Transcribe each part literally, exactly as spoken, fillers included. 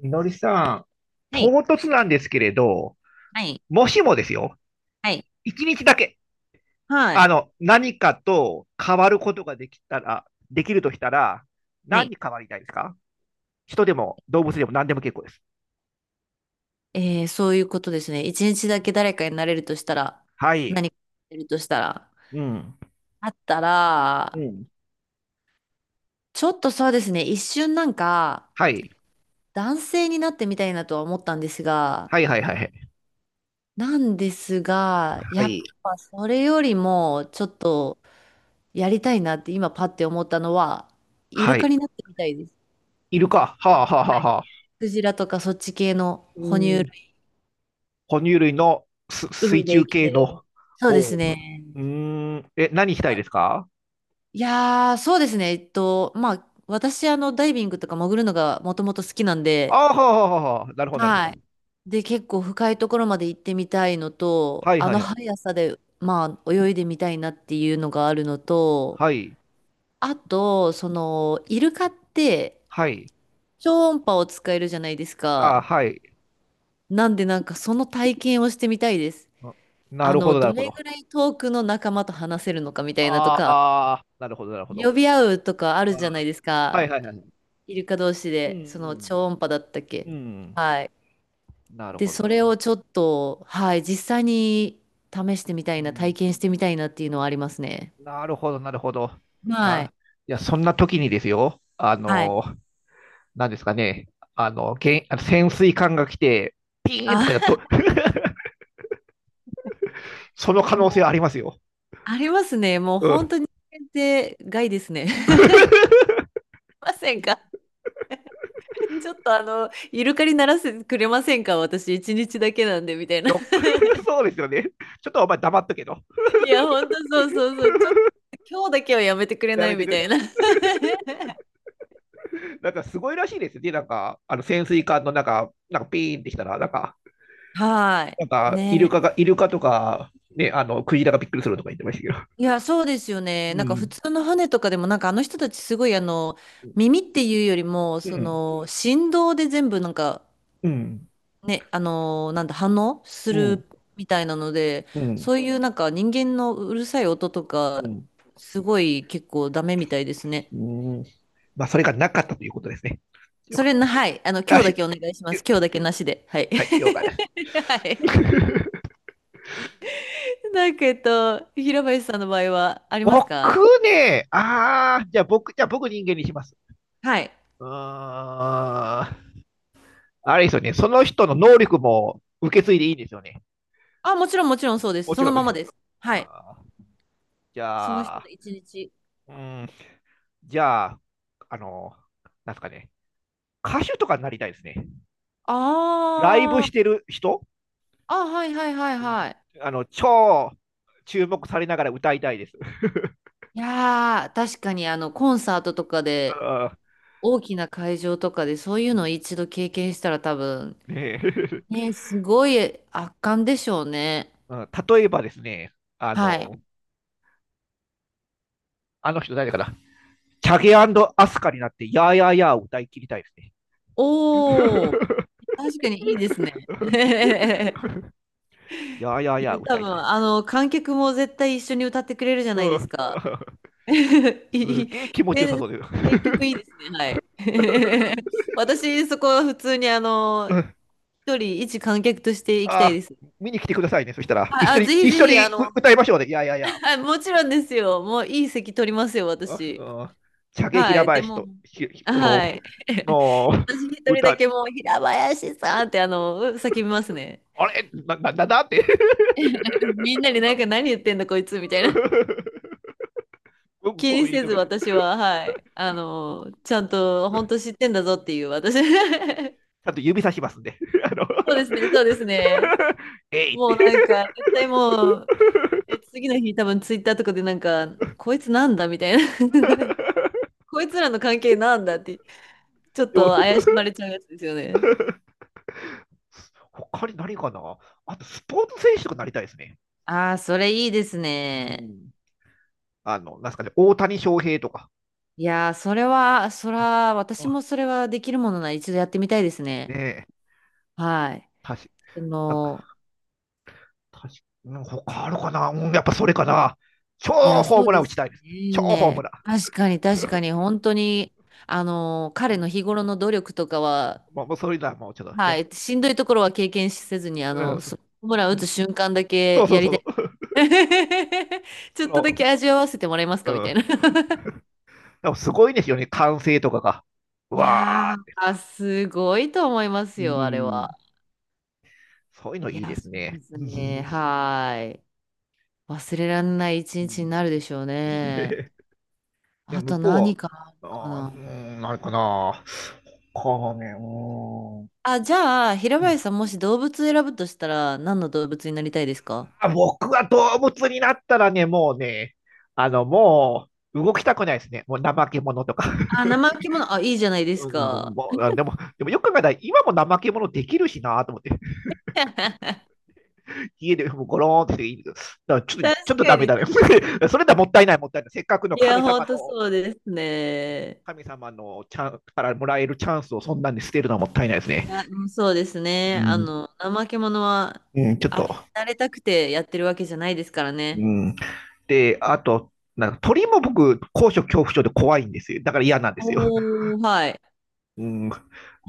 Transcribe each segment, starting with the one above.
みのりさん、は唐い。突なんですけれど、はい。もしもですよ、はい。いちにちだけ、はあい。の、何かと変わることができたら、できるとしたら、は何い。に変わりたいですか？人でも動物でも何でも結構です。えー、そういうことですね。一日だけ誰かになれるとしたら、はい。何かなれるとしたら、うん。あったうら、ん。ちょっとそうですね、一瞬なんか、はい。男性になってみたいなとは思ったんですが、はいはいはいはい。なんですが、はやっい。ぱそれよりも、ちょっとやりたいなって今パッて思ったのは、イはルカい。になってみたいです。イルカ。はあはあはあはい。はあ。クジラとかそっち系のう哺乳類、ん。哺乳類のす海水で中生き系てのる。そうで方。うすね。ーん。え、何したいですか？いやー、そうですね。えっと、まあ、私、あの、ダイビングとか潜るのがもともと好きなんで、ああ、はあはあはあ。なるほどなるほど。はい。で、結構深いところまで行ってみたいのと、はいあはのいはい。速さで、まあ、泳いでみたいなっていうのがあるのと、はい。あと、その、イルカって、はい。超音波を使えるじゃないですああ、か。はい。なんで、なんか、その体験をしてみたいです。あ、なあるほの、ど、などるほれど。ぐらい遠くの仲間と話せるのかみたいなとあか、あ、なるほど、なるほど。呼び合うとかああ、るじゃないですはか。いはいはいはい。イルカ同士うで、そのん、超音波だったっけ。うん、うん。はい。なるで、ほど、そなるれほど。をちょっと、はい、実際に試してみたういな、体ん、験してみたいなっていうのはありますね。なるほど、なるほど。はい。な、いや、そんな時にですよ、あはい。の、なんですかね、あの、けん、あの潜水艦が来て、ピーンあ、とかやっと、その 可も能性はあう、りますよ。ありますね。もうう本ん。当に限定外ですね。ませんかちょっとあの、イルカにならせてくれませんか私、一日だけなんで、みたいな。よ、そ うですよね。ちょっとお前黙っとけと、いや、本当そうそうそう。ちょっと、今日だけはやめてくれやなめいてみくたれ。いな。なんかすごいらしいですよね、なんか、あの潜水艦の中、なんかピーンってきたら、なんか、はなんい。かイルね。カが、イルカとか、ね、あのクジラがびっくりするとか言ってましたけど。いや、そうですよね。うなんか普ん、通の船とかでも、なんかあの人たちすごいあの、う耳っていうよりも、そん、の、振動で全部なんか、うん、ね、あの、なんだ、反応すうん、るみたいなので、うん、そういうなんか人間のうるさい音とうか、ん、すごい結構ダメみたいですね。うん。まあ、それがなかったということですね。よそかっれな、はい。あの、た。今あ日だけしお願いしまゆす。今日だけなしで。はい。はい、了解です。はい。なんか、えっと、平林さんの場合はありますか？僕ね、ああ、じゃあ僕、じゃあ僕人間にします。はい。うーん。あれですよね、その人の能力も受け継いでいいんですよね。あ、もちろん、もちろんそうです。もちそのろん。ままです。はい。あー、じそのゃ人のあ、一日。うん、じゃあ、あの、なんすかね、歌手とかになりたいですね。あライブしーてる人、あ、はいはいはいはい。あの、超注目されながら歌いたいです。いやー、確かにあの、コンサートとかうで、ー大きな会場とかで、そういうのを一度経験したら多分、ねえ ね、すごい圧巻でしょうね。うん、例えばですね、あはい。の、あの人誰かな、チャゲアスカになって、やーやーやーを歌い切りたいですね。おー、確かにいいですね。いやーやーやーや、歌多い分、たい。あの、観客も絶対一緒に歌ってくれるじゃないうですん か。すいい、げえ気持ちよさねそうです。選曲いい ですね。はい。私、そこは普通にあうの、ん、一人一観客として行きたいあです。ー、見に来てくださいね。そしたら、一は緒い、あ、に、ぜひ一ぜ緒ひ、にあうの、歌いましょうね。いやいやいや、はい、もちろんですよ。もういい席取りますよ、う私。んうん、茶毛は平い、で林も、と、ひひはこい。の、の、私一人だ歌、けもう、平林さんってあの、叫びますね。あれな、な、な、なんて みんなになんか何言ってんだこいつみたいな。うん気うにん、言っせとずくけど、私は、はい。あの、ちゃんと本当知ってんだぞっていう私。ちゃんと指さしますんで。あの そうですね、そうですね。えいっもうて。なんか、絶対もう、で次の日多分ツイッターとかでなんか、こいつなんだみたいな こいつらの関係なんだって、ちょっでも、と怪しまれちゃうやつですよね。他に何かな？あと、スポーツ選手とかなりたいですね。ああ、それいいですうね。ん、あの、なんすかね、大谷翔平とかいやー、それは、そら、私もあ。それはできるものなら一度やってみたいですねね。え、はい。確かあなんかの、確かに他あるかな、うん、やっぱそれかな。超いや、ホーそうムランで打ちすたいですね。ね。超ホームラン。確かに、確かに、本当に、あの、彼の日頃の努力とかは、まあ、もうそれだ、もうちょっとはね。い、しんどいところは経験せずに、あうん、の、そホームラン打つそ瞬間だけうそやうりたそい。う、そ ちょっとだのけ味わわせてもらえますうかみたいん、な でもすごいですよね、歓声とかが。ういわあ、やー、すごいと思いますうよ、あれん、は。そういうのいいいや、ですそうね。で すうね。はい。忘れられない一日にん、なるでしょうね。いや、あ向とこ何かあるうかは、あーな。うん、なんかな。かね、うあ、じゃあ、平ん。林さん、もし動物選ぶとしたら、何の動物になりたいですか？あ、僕は動物になったらね、もうね、あの、もう動きたくないですね。もう怠け者とか。あ、生生き物、あ、いいじゃないですうん、か。もう、あ、でも、でもよく考えたら、今も怠け者できるしなと思って、家でもうゴローンってしてだから、ちょっと、確ちょっとダかメに。だね。それだもったいない、もったいない。せっかくいのや、神ほん様との、そうですね。神様のチャンからもらえるチャンスをそんなんに捨てるのはもったいないですいね。や、うんそうですうね。あん、の、怠け者は、うん、ちょっあれと、になれたくてやってるわけじゃないですからうね。ん。で、あと、なんか鳥も僕、高所恐怖症で怖いんですよ。だから嫌なんですよ。おー、はい。うん、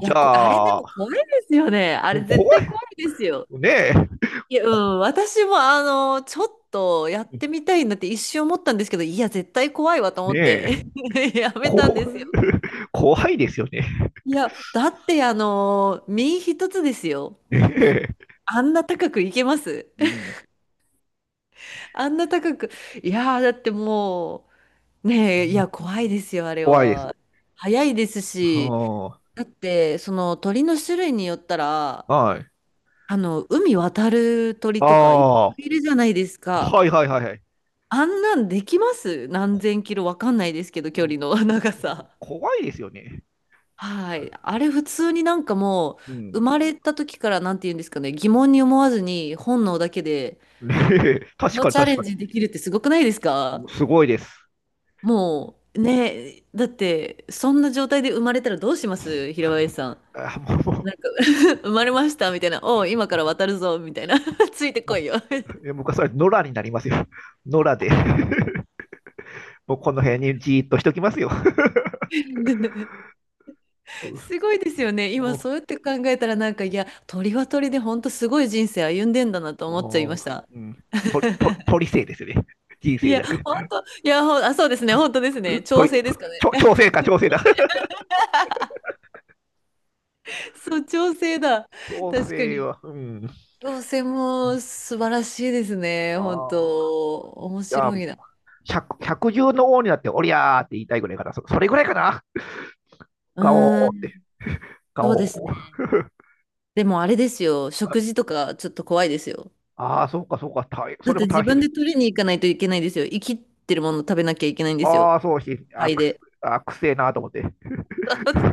いや、こ、あれでゃあ、も怖いですよね。あれ怖絶対い。怖いですよ。ねえ。いや、うこん、私もあの、ちょっとやってみたいなって一瞬思ったんですけど、いや、絶対怖いわと思ねっえ。て やめたんこ ですよ。怖いですよね。いや、だってあの、身一つですよ。ねえ、あんな高くいけます う ん。あんな高く。いやー、だってもう、ねえ、いや、怖いですよ、あれ怖いです。は。早いですし、はだって、その鳥の種類によったら、あ。はい。あの、海渡る鳥あとかいっぱあ。いいるじゃないですか。はいはいはいはい。あんなんできます何こ千キロわかんないですけど、う距ん、離の 長さ。怖いですよね。はい。あれ普通になんかもうん。う、生まれた時からなんて言うんですかね、疑問に思わずに本能だけで、ねえ、こ確のかにチャ確レンかジできるってすごくないですか？に。すごいです。もう、ねえ、だって、そんな状態で生まれたらどうしますは平い、林さん。あ、もなんか、生まれましたみたいな、おう、今から渡るぞみたいな、ついてう、もこう、いよ。もう、え、僕はそれ、野良になりますよ。野良で。もうこの辺にじーっとしときますよ。すごいですよね。今、もそうやって考えたら、なんか、いや、鳥は鳥で、本当すごい人生歩んでんだなとう、あ思っちゃいまーした。うん、鳥、鳥、鳥生ですよね。人い生じや、ゃなくて。本当、いや、ほん、あ、そうですね、本当ですね。調鳥、整でとすかね。調調 整か、調整だ。そう、調整だ。調確か整に。は、うん。調整も素晴らしいですね。本ああ。当、面じゃあ、白いな。百百獣の王になって、おりゃーって言いたいぐらいかな。そそれぐらいかな。ガうーオーっん、て、ガそうですオね。ー。でも、あれですよ、食事とか、ちょっと怖いですよ。ああ、そうか、そうか、大変。そだっれもて自大変分で。で取りに行かないといけないですよ。生きてるもの食べなきゃいけないんですよ。ああ、そうし、あ肺くす、で。あくせえなーと思って。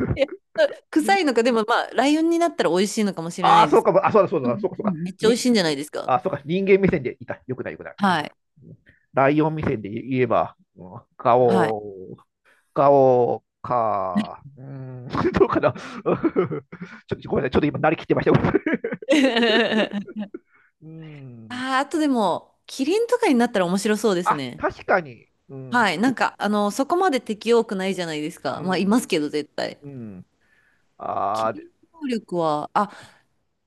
臭いのか、でもまあ、ライオンになったら美味しいのかもしれなああ、いでそうす。か、あ、そうだ、そううんだ、そうか、そううか。んめっちゃ美に、味しいんじゃないですか。あ、そうか、人間目線でいた。よくない、よくない。うん、はい。ライオン目線で言えば、ガはい。オー。顔か。うーん、どうかな。うん、ちょっとごめんなさい。ちょっと今、なりきってました。うん。あー、あとでも、キリンとかになったら面白そうですあ、ね。確かに。うん。はい。なんか、あの、そこまで敵多くないじゃないですうか。まあ、いん。ますけど、絶対。うん。あキあ、リで、ンの能力は、あ、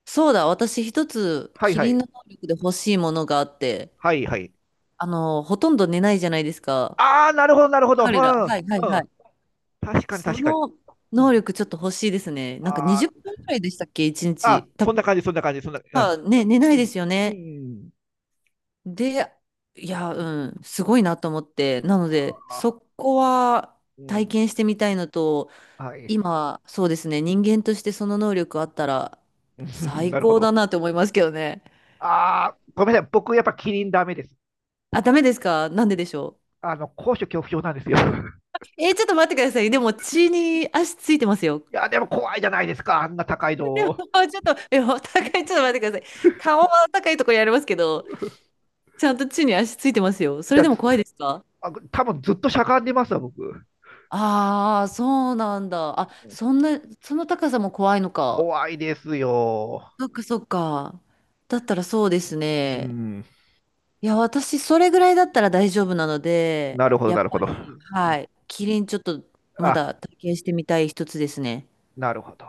そうだ、私一つ、はいキはリい。ンの能力で欲しいものがあって、はいはい。あの、ほとんど寝ないじゃないですか。ああ、なるほど、なるほど。う彼ら。ん。うん。はいはいはい。確かに、そ確かに。のう能ん。力ちょっと欲しいですね。なんかあにじゅっぷんくらいでしたっけ、1あ、あ、日。多そんな分、感じ、そんな感じ、そんな。まあ、あね、寝なういでん。すようね。ん。で、いや、うん、すごいなと思って。なのあで、あ、そこはう体ん。験してみたいのと、はい。今、そうですね、人間としてその能力あったら 最なるほ高ど。だなと思いますけどね。ああ、ごめんなさい。僕、やっぱキリンダメです。あ、ダメですかなんででしょあの、高所恐怖症なんですよ。う。えーちょっと待ってください。でも血に足ついてますよ。いや、でも怖いじゃないですか、あんな高いでも、の。ちょっと、え、お互いちょっと待ってください。顔は高いところやりますけど、ちゃんと地に足ついてますよ。そじれゃでも怖いあ、ですか？多分ずっとしゃがんでますわ、僕。ああー、そうなんだ。あ、そんな、その高さも怖いのか。怖いですよ。そっかそっか。だったらそうですうね。ん、いや、私、それぐらいだったら大丈夫なので、なるほど、やなっるほぱど。り、はい。キリンちょっと、まあ、だ体験してみたい一つですね。なるほど。